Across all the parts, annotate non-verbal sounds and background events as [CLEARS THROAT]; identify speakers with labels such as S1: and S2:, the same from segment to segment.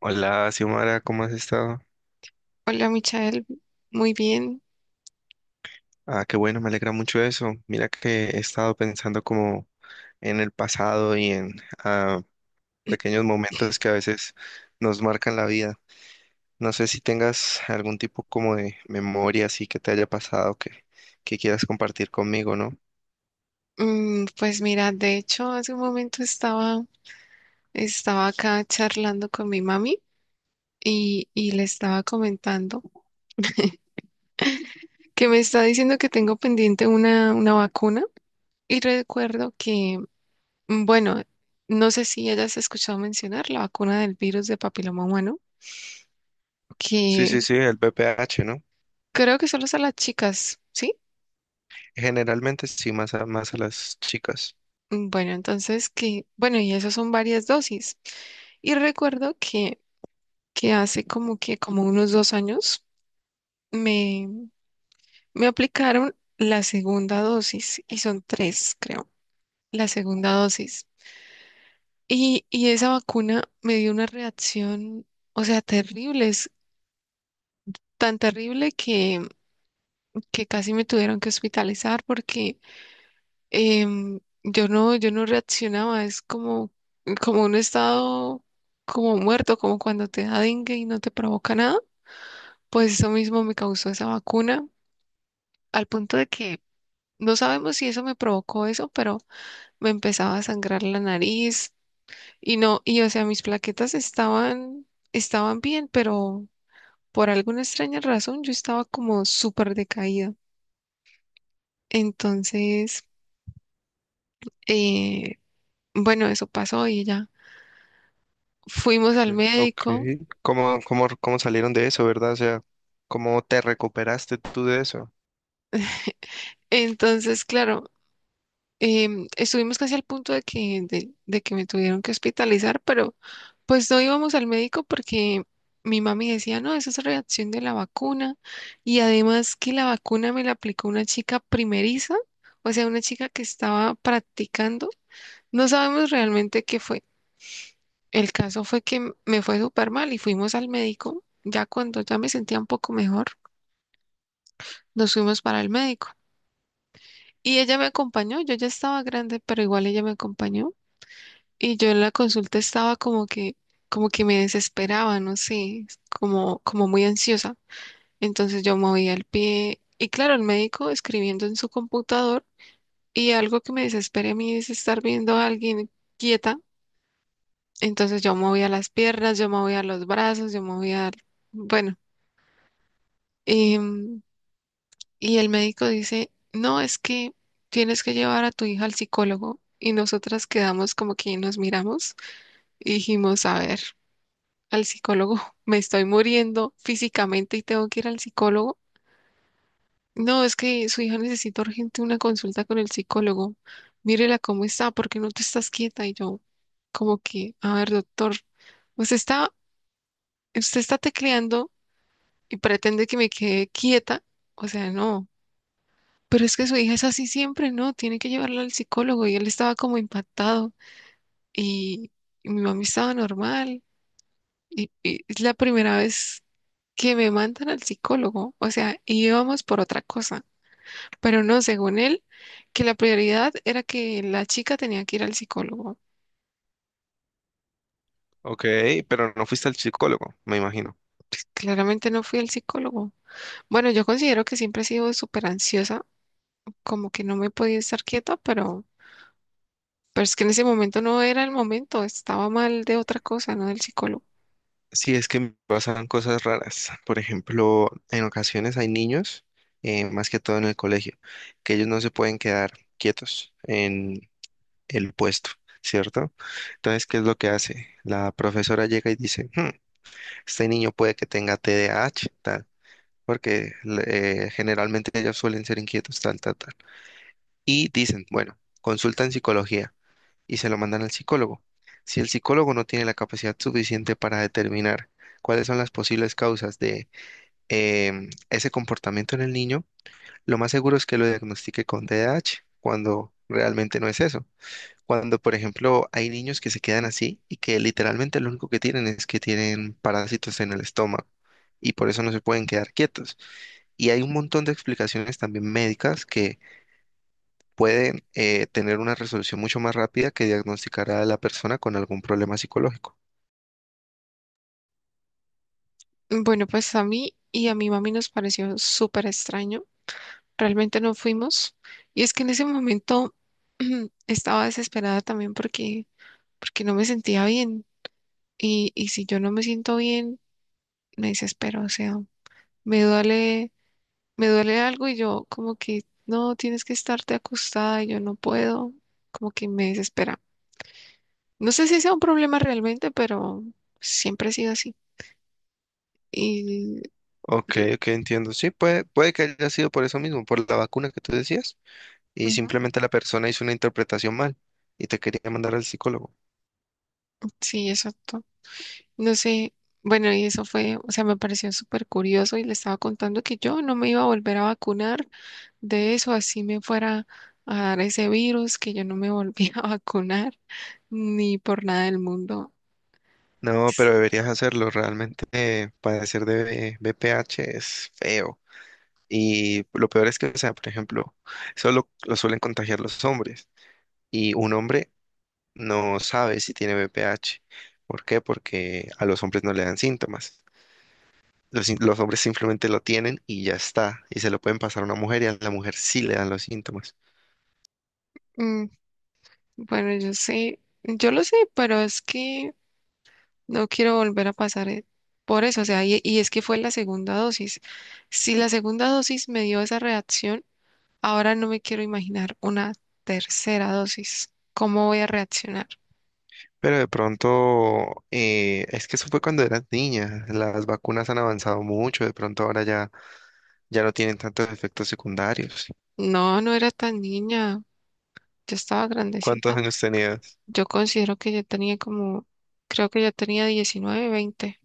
S1: Hola, Xiomara, ¿cómo has estado?
S2: Hola, Michael. Muy bien.
S1: Ah, qué bueno, me alegra mucho eso. Mira que he estado pensando como en el pasado y en ah, pequeños momentos que a veces nos marcan la vida. No sé si tengas algún tipo como de memoria así que te haya pasado que quieras compartir conmigo, ¿no?
S2: Pues mira, de hecho, hace un momento estaba acá charlando con mi mami y le estaba comentando que me está diciendo que tengo pendiente una vacuna y recuerdo que, bueno, no sé si hayas escuchado mencionar la vacuna del virus de papiloma humano,
S1: Sí, sí,
S2: que
S1: sí, el BPH, ¿no?
S2: creo que solo es a las chicas, ¿sí?
S1: Generalmente sí, más a las chicas.
S2: Bueno, entonces bueno, y eso son varias dosis. Y recuerdo que hace como que como unos 2 años me, me aplicaron la segunda dosis y son tres, creo, la segunda dosis. Y esa vacuna me dio una reacción, o sea, terrible, es tan terrible que casi me tuvieron que hospitalizar porque yo no reaccionaba, es como un estado como muerto, como cuando te da dengue y no te provoca nada. Pues eso mismo me causó esa vacuna, al punto de que no sabemos si eso me provocó eso, pero me empezaba a sangrar la nariz y no, y o sea, mis plaquetas estaban bien, pero por alguna extraña razón yo estaba como súper decaída. Entonces, eh, bueno, eso pasó y ya fuimos
S1: Sí,
S2: al
S1: ok.
S2: médico.
S1: Cómo salieron de eso, verdad? O sea, ¿cómo te recuperaste tú de eso?
S2: Entonces, claro, estuvimos casi al punto de de que me tuvieron que hospitalizar, pero pues no íbamos al médico porque mi mami decía, no, esa es reacción de la vacuna. Y además que la vacuna me la aplicó una chica primeriza, o sea, una chica que estaba practicando. No sabemos realmente qué fue. El caso fue que me fue súper mal y fuimos al médico. Ya cuando ya me sentía un poco mejor, nos fuimos para el médico. Y ella me acompañó, yo ya estaba grande, pero igual ella me acompañó. Y yo en la consulta estaba como que me desesperaba, no sé, como muy ansiosa. Entonces yo movía el pie y claro, el médico escribiendo en su computador y algo que me desespera a mí es estar viendo a alguien quieta. Entonces yo movía las piernas, yo movía los brazos, yo movía, bueno, em, y el médico dice, no, es que tienes que llevar a tu hija al psicólogo. Y nosotras quedamos como que nos miramos y dijimos, a ver, al psicólogo, [LAUGHS] me estoy muriendo físicamente y tengo que ir al psicólogo. No, es que su hija necesita urgente una consulta con el psicólogo. Mírela cómo está, porque no te estás quieta. Y yo, como que, a ver, doctor, usted está, usted está tecleando y pretende que me quede quieta. O sea, no. Pero es que su hija es así siempre, ¿no? Tiene que llevarla al psicólogo. Y él estaba como impactado. Y, y mi mami estaba normal. Y es la primera vez que me mandan al psicólogo. O sea, y íbamos por otra cosa. Pero no, según él, que la prioridad era que la chica tenía que ir al psicólogo.
S1: Ok, pero no fuiste al psicólogo, me imagino.
S2: Claramente no fui al psicólogo. Bueno, yo considero que siempre he sido súper ansiosa, como que no me podía estar quieta, pero es que en ese momento no era el momento, estaba mal de otra cosa, no del psicólogo.
S1: Sí, es que me pasan cosas raras. Por ejemplo, en ocasiones hay niños, más que todo en el colegio, que ellos no se pueden quedar quietos en el puesto, ¿cierto? Entonces, ¿qué es lo que hace? La profesora llega y dice, este niño puede que tenga TDAH, tal, porque generalmente ellos suelen ser inquietos, tal, tal, tal. Y dicen, bueno, consultan psicología y se lo mandan al psicólogo. Si el psicólogo no tiene la capacidad suficiente para determinar cuáles son las posibles causas de ese comportamiento en el niño, lo más seguro es que lo diagnostique con TDAH, cuando realmente no es eso. Cuando, por ejemplo, hay niños que se quedan así y que literalmente lo único que tienen es que tienen parásitos en el estómago y por eso no se pueden quedar quietos. Y hay un montón de explicaciones también médicas que puede tener una resolución mucho más rápida que diagnosticar a la persona con algún problema psicológico.
S2: Bueno, pues a mí y a mi mami nos pareció súper extraño. Realmente no fuimos. Y es que en ese momento [CLEARS THROAT] estaba desesperada también porque no me sentía bien. Y si yo no me siento bien me desespero, o sea, me duele, me duele algo y yo como que no, tienes que estarte acostada y yo no puedo, como que me desespera. No sé si sea un problema realmente, pero siempre ha sido así. Y
S1: Ok, ok, entiendo. Sí, puede que haya sido por eso mismo, por la vacuna que tú decías, y
S2: ujú,
S1: simplemente la persona hizo una interpretación mal y te quería mandar al psicólogo.
S2: sí, exacto. No sé, bueno, y eso fue, o sea, me pareció súper curioso y le estaba contando que yo no me iba a volver a vacunar de eso, así me fuera a dar ese virus, que yo no me volvía [LAUGHS] a vacunar ni por nada del mundo.
S1: No, pero deberías hacerlo. Realmente padecer de BPH es feo. Y lo peor es que, o sea, por ejemplo, solo lo suelen contagiar los hombres. Y un hombre no sabe si tiene BPH. ¿Por qué? Porque a los hombres no le dan síntomas. Los, sin- Los hombres simplemente lo tienen y ya está. Y se lo pueden pasar a una mujer y a la mujer sí le dan los síntomas.
S2: Bueno, yo sé, yo lo sé, pero es que no quiero volver a pasar por eso, o sea, y es que fue la segunda dosis. Si la segunda dosis me dio esa reacción, ahora no me quiero imaginar una tercera dosis. ¿Cómo voy a reaccionar?
S1: Pero de pronto, es que eso fue cuando eras niña. Las vacunas han avanzado mucho. De pronto ya no tienen tantos efectos secundarios.
S2: No, no era tan niña, yo estaba
S1: ¿Cuántos
S2: grandecita.
S1: años tenías?
S2: Yo considero que yo tenía como, creo que yo tenía 19, 20.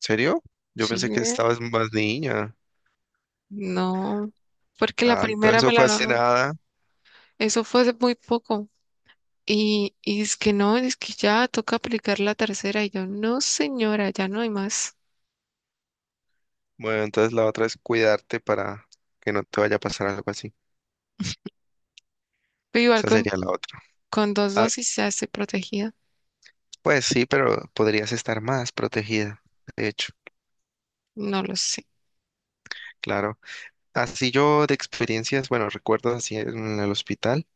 S1: ¿Serio? Yo
S2: Sí,
S1: pensé que estabas más niña.
S2: no, porque la
S1: Ah, entonces
S2: primera
S1: eso
S2: me
S1: fue hace
S2: la,
S1: nada.
S2: eso fue hace muy poco. Y es que no, es que ya toca aplicar la tercera. Y yo, no, señora, ya no hay más.
S1: Bueno, entonces la otra es cuidarte para que no te vaya a pasar algo así.
S2: Pero igual
S1: Esa sería la otra.
S2: con dos
S1: Ah,
S2: dosis ya estoy protegida.
S1: pues sí, pero podrías estar más protegida, de hecho,
S2: No lo sé.
S1: claro. Así yo de experiencias, bueno, recuerdo así en el hospital,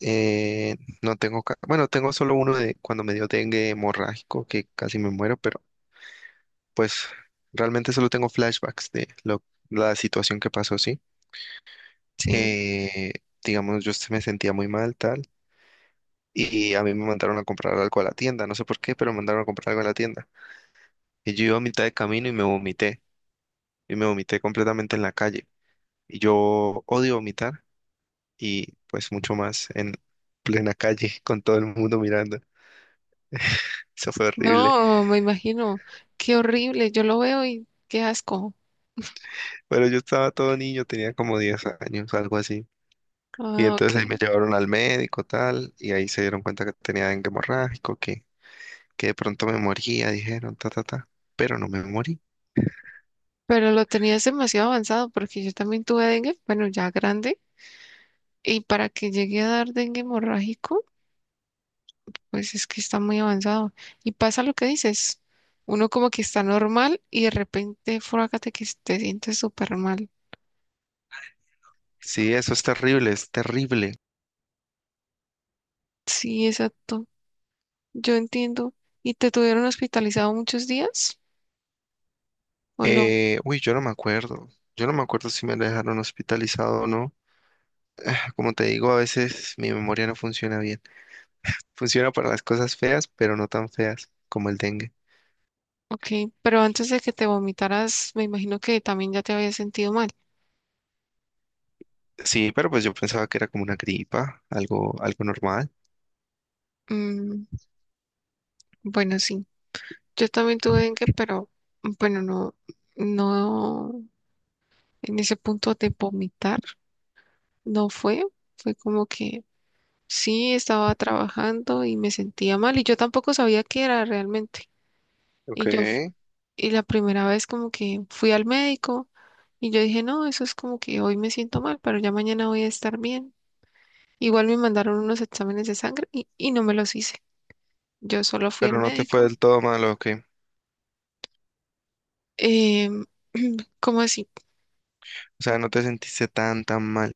S1: eh, no tengo, ca- bueno, tengo solo uno de cuando me dio dengue hemorrágico, que casi me muero, pero pues realmente solo tengo flashbacks de la situación que pasó, sí.
S2: Sí.
S1: Eh, digamos, me sentía muy mal, tal, y a mí me mandaron a comprar algo a la tienda, no sé por qué, pero me mandaron a comprar algo a la tienda. Y yo iba a mitad de camino y me vomité y me vomité completamente en la calle. Y yo odio vomitar y pues mucho más en plena calle [LAUGHS] con todo el mundo mirando. Eso fue horrible.
S2: No, me imagino. Qué horrible. Yo lo veo y qué asco.
S1: Pero yo estaba todo niño, tenía como 10 años, algo así. Y
S2: Ah,
S1: entonces ahí me
S2: ok.
S1: llevaron al médico, tal, y ahí se dieron cuenta que tenía dengue hemorrágico, que de pronto me moría, dijeron, ta, ta, ta. Pero no me morí.
S2: Pero lo tenías demasiado avanzado porque yo también tuve dengue, bueno, ya grande. Y para que llegue a dar dengue hemorrágico. Pues es que está muy avanzado. Y pasa lo que dices. Uno como que está normal y de repente, frágate que te sientes súper mal.
S1: Sí, eso es terrible, es terrible.
S2: Sí, exacto. Yo entiendo. ¿Y te tuvieron hospitalizado muchos días o no?
S1: Yo no me acuerdo. Yo no me acuerdo si me dejaron hospitalizado o no. Como te digo, a veces mi memoria no funciona bien. Funciona para las cosas feas, pero no tan feas como el dengue.
S2: Ok, pero antes de que te vomitaras, me imagino que también ya te habías sentido mal.
S1: Sí, pero pues yo pensaba que era como una gripa, algo normal.
S2: Mm, bueno, sí. Yo también tuve dengue, pero bueno, no, no, en ese punto de vomitar no fue. Fue como que sí, estaba trabajando y me sentía mal y yo tampoco sabía qué era realmente.
S1: Ok.
S2: Y yo, f-
S1: Pero
S2: y la primera vez como que fui al médico y yo dije, no, eso es como que hoy me siento mal, pero ya mañana voy a estar bien. Igual me mandaron unos exámenes de sangre y no me los hice. Yo solo fui al
S1: no te fue
S2: médico.
S1: del todo mal, ¿ok?
S2: Em, ¿Cómo así?
S1: O sea, no te sentiste tan mal.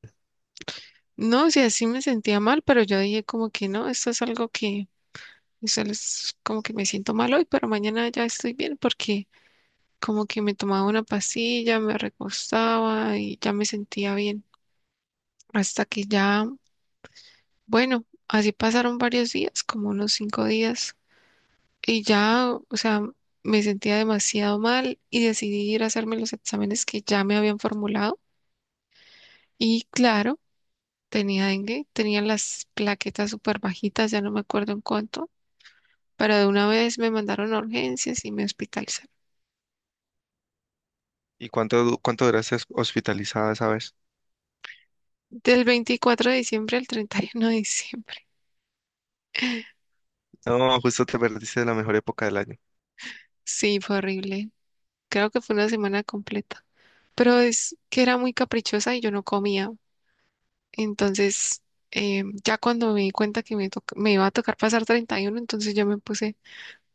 S2: No, o sea, sí me sentía mal, pero yo dije como que no, esto es algo eso es como que me siento mal hoy, pero mañana ya estoy bien porque como que me tomaba una pastilla, me recostaba y ya me sentía bien. Hasta que ya, bueno, así pasaron varios días, como unos 5 días, y ya, o sea, me sentía demasiado mal y decidí ir a hacerme los exámenes que ya me habían formulado. Y claro, tenía dengue, tenía las plaquetas súper bajitas, ya no me acuerdo en cuánto, pero de una vez me mandaron a urgencias y me hospitalizaron.
S1: ¿Y cuánto duraste hospitalizada esa vez?
S2: Del 24 de diciembre al 31 de diciembre.
S1: No, justo te perdiste de la mejor época del año.
S2: Sí, fue horrible. Creo que fue una semana completa. Pero es que era muy caprichosa y yo no comía. Entonces, ya cuando me di cuenta que me iba a tocar pasar 31, entonces yo me puse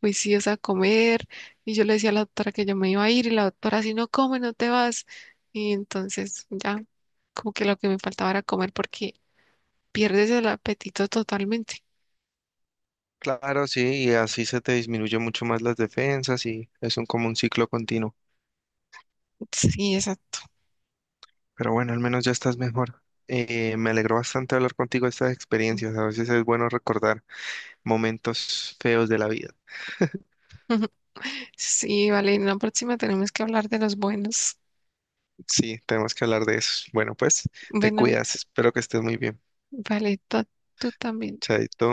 S2: juiciosa a comer y yo le decía a la doctora que yo me iba a ir y la doctora, si no come, no te vas. Y entonces ya, como que lo que me faltaba era comer porque pierdes el apetito totalmente.
S1: Claro, sí, y así se te disminuye mucho más las defensas y es como un ciclo continuo.
S2: Sí, exacto.
S1: Pero bueno, al menos ya estás mejor. Me alegró bastante hablar contigo de estas experiencias. A veces es bueno recordar momentos feos de la vida.
S2: [LAUGHS] Sí, vale, en la próxima tenemos que hablar de los buenos.
S1: Sí, tenemos que hablar de eso. Bueno, pues te
S2: Bueno,
S1: cuidas. Espero que estés muy bien.
S2: vale, tú también.
S1: Chaito.